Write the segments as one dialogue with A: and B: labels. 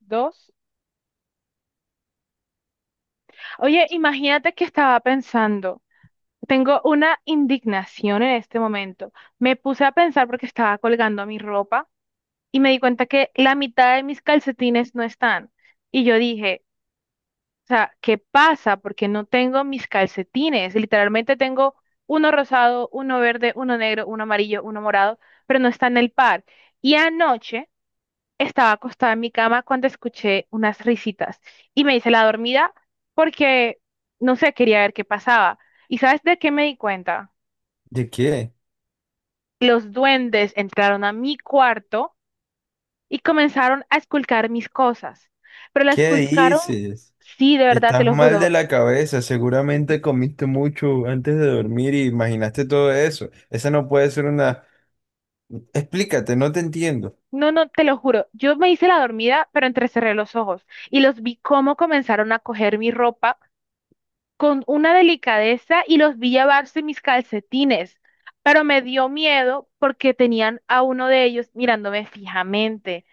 A: Dos. Oye, imagínate que estaba pensando. Tengo una indignación en este momento. Me puse a pensar porque estaba colgando mi ropa y me di cuenta que la mitad de mis calcetines no están. Y yo dije, o sea, ¿qué pasa? Porque no tengo mis calcetines. Literalmente tengo uno rosado, uno verde, uno negro, uno amarillo, uno morado, pero no está en el par. Y anoche, estaba acostada en mi cama cuando escuché unas risitas y me hice la dormida porque, no sé, quería ver qué pasaba. ¿Y sabes de qué me di cuenta?
B: ¿De qué?
A: Los duendes entraron a mi cuarto y comenzaron a esculcar mis cosas. Pero la
B: ¿Qué
A: esculcaron,
B: dices?
A: sí, de verdad, te
B: Estás
A: lo
B: mal de
A: juro.
B: la cabeza, seguramente comiste mucho antes de dormir y imaginaste todo eso. Esa no puede ser una... Explícate, no te entiendo.
A: No, no, te lo juro. Yo me hice la dormida, pero entrecerré los ojos y los vi cómo comenzaron a coger mi ropa con una delicadeza y los vi llevarse mis calcetines, pero me dio miedo porque tenían a uno de ellos mirándome fijamente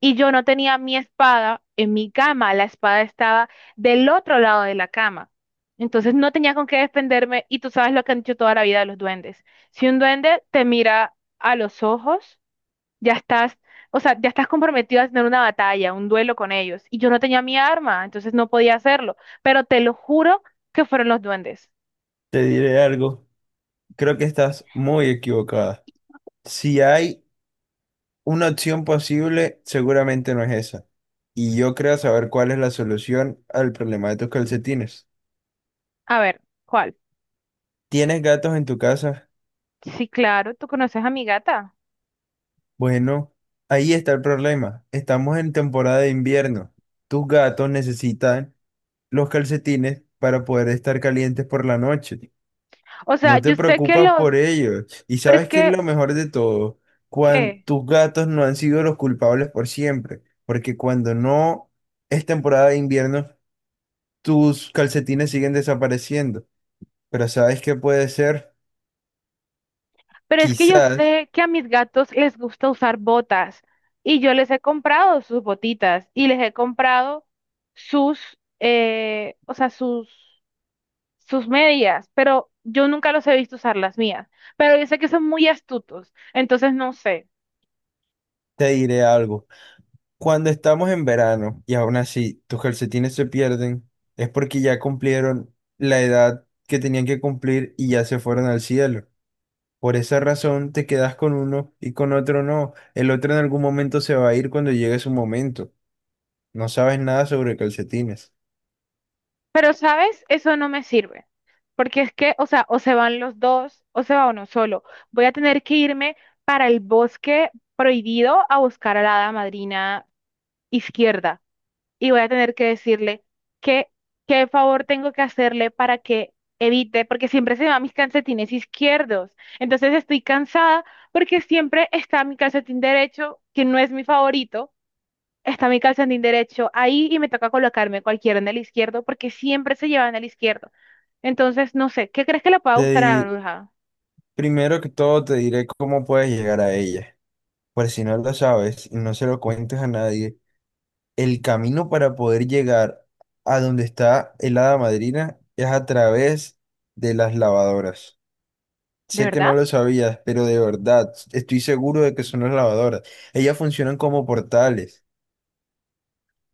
A: y yo no tenía mi espada en mi cama, la espada estaba del otro lado de la cama. Entonces no tenía con qué defenderme y tú sabes lo que han dicho toda la vida de los duendes. Si un duende te mira a los ojos, ya estás, o sea, ya estás comprometido a tener una batalla, un duelo con ellos. Y yo no tenía mi arma, entonces no podía hacerlo. Pero te lo juro que fueron los duendes.
B: Te diré algo, creo que estás muy equivocada. Si hay una opción posible, seguramente no es esa. Y yo creo saber cuál es la solución al problema de tus calcetines.
A: A ver, ¿cuál?
B: ¿Tienes gatos en tu casa?
A: Sí, claro, tú conoces a mi gata.
B: Bueno, ahí está el problema. Estamos en temporada de invierno. Tus gatos necesitan los calcetines para poder estar calientes por la noche.
A: O sea,
B: No te
A: yo sé que
B: preocupas
A: los,
B: por ellos. Y
A: pero es
B: sabes qué es
A: que,
B: lo mejor de todo, cuando
A: ¿qué?
B: tus gatos no han sido los culpables por siempre, porque cuando no es temporada de invierno, tus calcetines siguen desapareciendo. Pero ¿sabes qué puede ser?
A: Pero es que yo
B: Quizás
A: sé que a mis gatos les gusta usar botas y yo les he comprado sus botitas y les he comprado sus, o sea, sus medias, pero yo nunca los he visto usar las mías. Pero yo sé que son muy astutos, entonces no sé.
B: te diré algo. Cuando estamos en verano y aún así tus calcetines se pierden, es porque ya cumplieron la edad que tenían que cumplir y ya se fueron al cielo. Por esa razón te quedas con uno y con otro no. El otro en algún momento se va a ir cuando llegue su momento. No sabes nada sobre calcetines.
A: Pero, ¿sabes? Eso no me sirve. Porque es que, o sea, o se van los dos, o se va uno solo. Voy a tener que irme para el bosque prohibido a buscar a la hada madrina izquierda. Y voy a tener que decirle qué, qué favor tengo que hacerle para que evite, porque siempre se va mis calcetines izquierdos. Entonces estoy cansada porque siempre está mi calcetín derecho, que no es mi favorito, está mi calcetín derecho ahí y me toca colocarme cualquiera en el izquierdo porque siempre se llevan el izquierdo. Entonces, no sé, ¿qué crees que le pueda
B: Te
A: gustar a la
B: di-
A: bruja?
B: Primero que todo te diré cómo puedes llegar a ella. Por si no lo sabes y no se lo cuentes a nadie, el camino para poder llegar a donde está el hada madrina es a través de las lavadoras.
A: ¿De
B: Sé que
A: verdad?
B: no lo sabías, pero de verdad, estoy seguro de que son las lavadoras. Ellas funcionan como portales.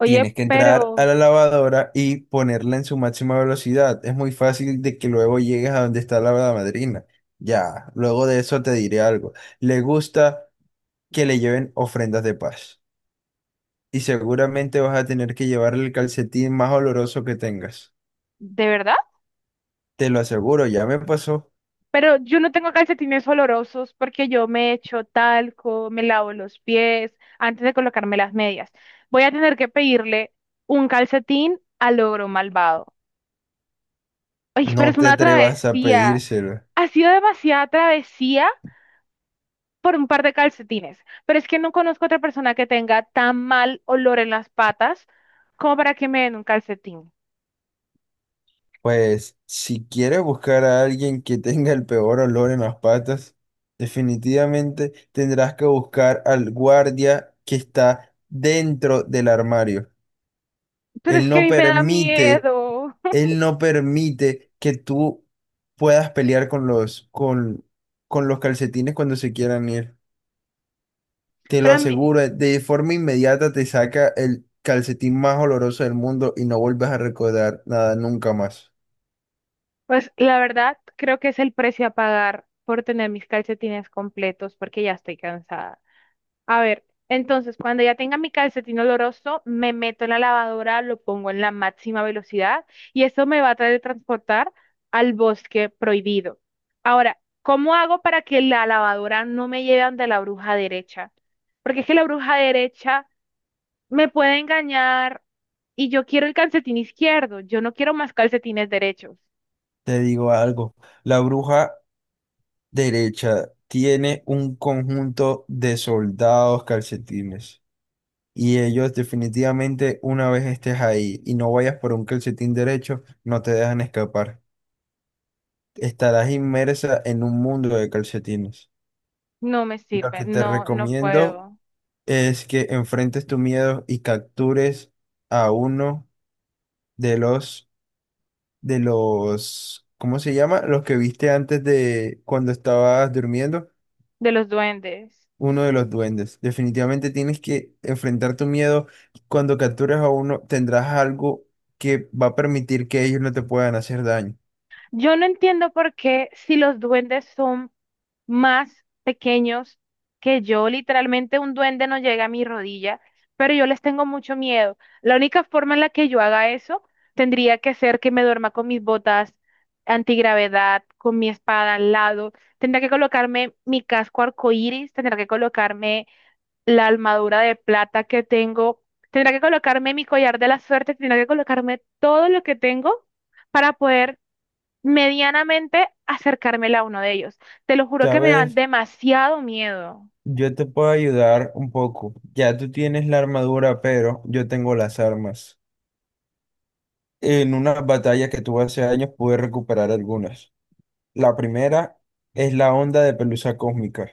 A: Oye,
B: Tienes que entrar a
A: pero,
B: la lavadora y ponerla en su máxima velocidad. Es muy fácil de que luego llegues a donde está la hada madrina. Ya, luego de eso te diré algo. Le gusta que le lleven ofrendas de paz, y seguramente vas a tener que llevarle el calcetín más oloroso que tengas.
A: ¿de verdad?
B: Te lo aseguro, ya me pasó.
A: Pero yo no tengo calcetines olorosos porque yo me echo talco, me lavo los pies antes de colocarme las medias. Voy a tener que pedirle un calcetín al ogro malvado. Ay, pero
B: No
A: es
B: te
A: una
B: atrevas a
A: travesía.
B: pedírselo.
A: Ha sido demasiada travesía por un par de calcetines. Pero es que no conozco otra persona que tenga tan mal olor en las patas como para que me den un calcetín.
B: Pues si quieres buscar a alguien que tenga el peor olor en las patas, definitivamente tendrás que buscar al guardia que está dentro del armario.
A: Pero es
B: Él
A: que a
B: no
A: mí me da
B: permite,
A: miedo.
B: él no permite que tú puedas pelear con los calcetines cuando se quieran ir. Te lo
A: Pero a mí-
B: aseguro, de forma inmediata te saca el calcetín más oloroso del mundo y no vuelves a recordar nada nunca más.
A: Pues la verdad, creo que es el precio a pagar por tener mis calcetines completos porque ya estoy cansada. A ver, entonces cuando ya tenga mi calcetín oloroso, me meto en la lavadora, lo pongo en la máxima velocidad y eso me va a traer transportar al bosque prohibido. Ahora, ¿cómo hago para que la lavadora no me lleve ante la bruja derecha? Porque es que la bruja derecha me puede engañar y yo quiero el calcetín izquierdo, yo no quiero más calcetines derechos.
B: Te digo algo, la bruja derecha tiene un conjunto de soldados calcetines y ellos definitivamente una vez estés ahí y no vayas por un calcetín derecho, no te dejan escapar. Estarás inmersa en un mundo de calcetines.
A: No me
B: Lo
A: sirve,
B: que te
A: no, no
B: recomiendo
A: puedo.
B: es que enfrentes tu miedo y captures a uno de los, de los, ¿cómo se llama? Los que viste antes de cuando estabas durmiendo,
A: De los duendes.
B: uno de los duendes. Definitivamente tienes que enfrentar tu miedo. Cuando captures a uno, tendrás algo que va a permitir que ellos no te puedan hacer daño.
A: Yo no entiendo por qué si los duendes son más pequeños que yo, literalmente un duende no llega a mi rodilla, pero yo les tengo mucho miedo. La única forma en la que yo haga eso tendría que ser que me duerma con mis botas antigravedad, con mi espada al lado, tendría que colocarme mi casco arcoíris, tendría que colocarme la armadura de plata que tengo. Tendrá que colocarme mi collar de la suerte, tendrá que colocarme todo lo que tengo para poder medianamente acercarme a uno de ellos. Te lo juro que me dan
B: ¿Sabes?
A: demasiado miedo.
B: Yo te puedo ayudar un poco. Ya tú tienes la armadura, pero yo tengo las armas. En una batalla que tuve hace años pude recuperar algunas. La primera es la onda de pelusa cósmica.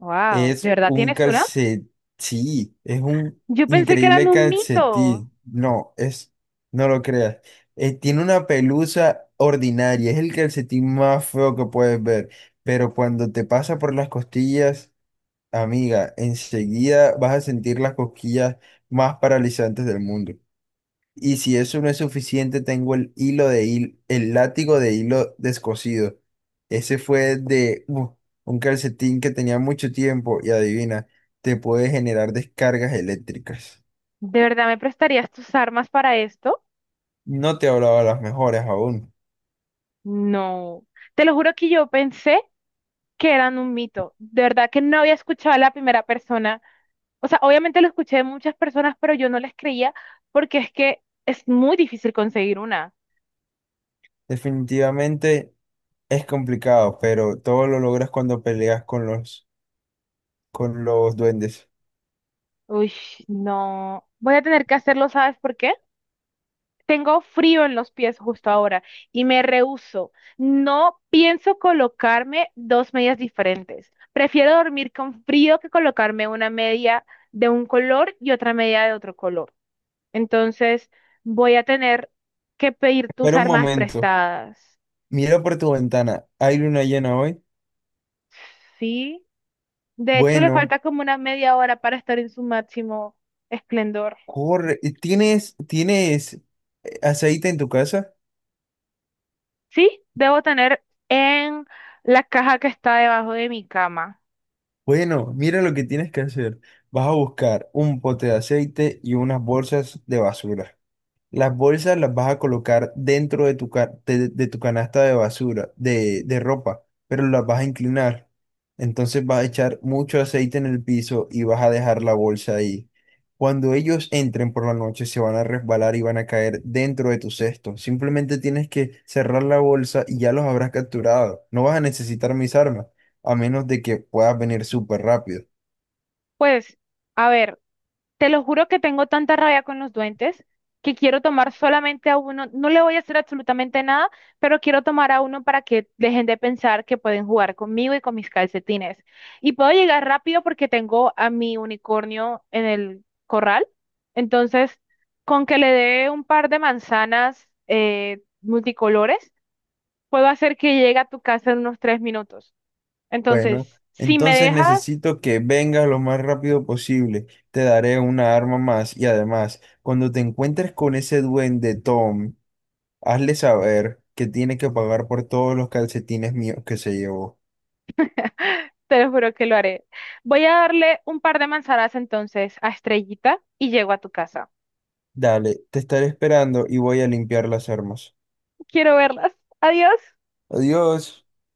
A: Wow, ¿de
B: Es
A: verdad
B: un
A: tienes una?
B: calcetín. Sí, es un
A: Yo pensé que eran
B: increíble
A: un mito.
B: calcetín. No, es, no lo creas. Tiene una pelusa ordinaria. Es el calcetín más feo que puedes ver. Pero cuando te pasa por las costillas, amiga, enseguida vas a sentir las cosquillas más paralizantes del mundo. Y si eso no es suficiente, tengo el hilo de hil el látigo de hilo descosido. Ese fue de un calcetín que tenía mucho tiempo y adivina, te puede generar descargas eléctricas.
A: ¿De verdad me prestarías tus armas para esto?
B: No te hablaba las mejores aún.
A: No. Te lo juro que yo pensé que eran un mito. De verdad que no había escuchado a la primera persona. O sea, obviamente lo escuché de muchas personas, pero yo no les creía porque es que es muy difícil conseguir una.
B: Definitivamente es complicado, pero todo lo logras cuando peleas con los duendes.
A: Uy, no. Voy a tener que hacerlo, ¿sabes por qué? Tengo frío en los pies justo ahora y me rehúso. No pienso colocarme dos medias diferentes. Prefiero dormir con frío que colocarme una media de un color y otra media de otro color. Entonces, voy a tener que pedir tus
B: Espera un
A: armas
B: momento.
A: prestadas.
B: Mira por tu ventana. ¿Hay luna llena hoy?
A: ¿Sí? De hecho, le
B: Bueno.
A: falta como una media hora para estar en su máximo esplendor.
B: Corre, ¿tienes aceite en tu casa?
A: Sí, debo tener en la caja que está debajo de mi cama.
B: Bueno, mira lo que tienes que hacer. Vas a buscar un pote de aceite y unas bolsas de basura. Las bolsas las vas a colocar dentro de tu, de tu canasta de basura, de ropa, pero las vas a inclinar. Entonces vas a echar mucho aceite en el piso y vas a dejar la bolsa ahí. Cuando ellos entren por la noche, se van a resbalar y van a caer dentro de tu cesto. Simplemente tienes que cerrar la bolsa y ya los habrás capturado. No vas a necesitar mis armas, a menos de que puedas venir súper rápido.
A: Pues, a ver, te lo juro que tengo tanta rabia con los duendes que quiero tomar solamente a uno. No le voy a hacer absolutamente nada, pero quiero tomar a uno para que dejen de pensar que pueden jugar conmigo y con mis calcetines. Y puedo llegar rápido porque tengo a mi unicornio en el corral. Entonces, con que le dé un par de manzanas multicolores, puedo hacer que llegue a tu casa en unos 3 minutos.
B: Bueno,
A: Entonces, si me
B: entonces
A: dejas...
B: necesito que vengas lo más rápido posible. Te daré una arma más y además, cuando te encuentres con ese duende Tom, hazle saber que tiene que pagar por todos los calcetines míos que se llevó.
A: Te lo juro que lo haré. Voy a darle un par de manzanas entonces a Estrellita y llego a tu casa.
B: Dale, te estaré esperando y voy a limpiar las armas.
A: Quiero verlas. Adiós.
B: Adiós.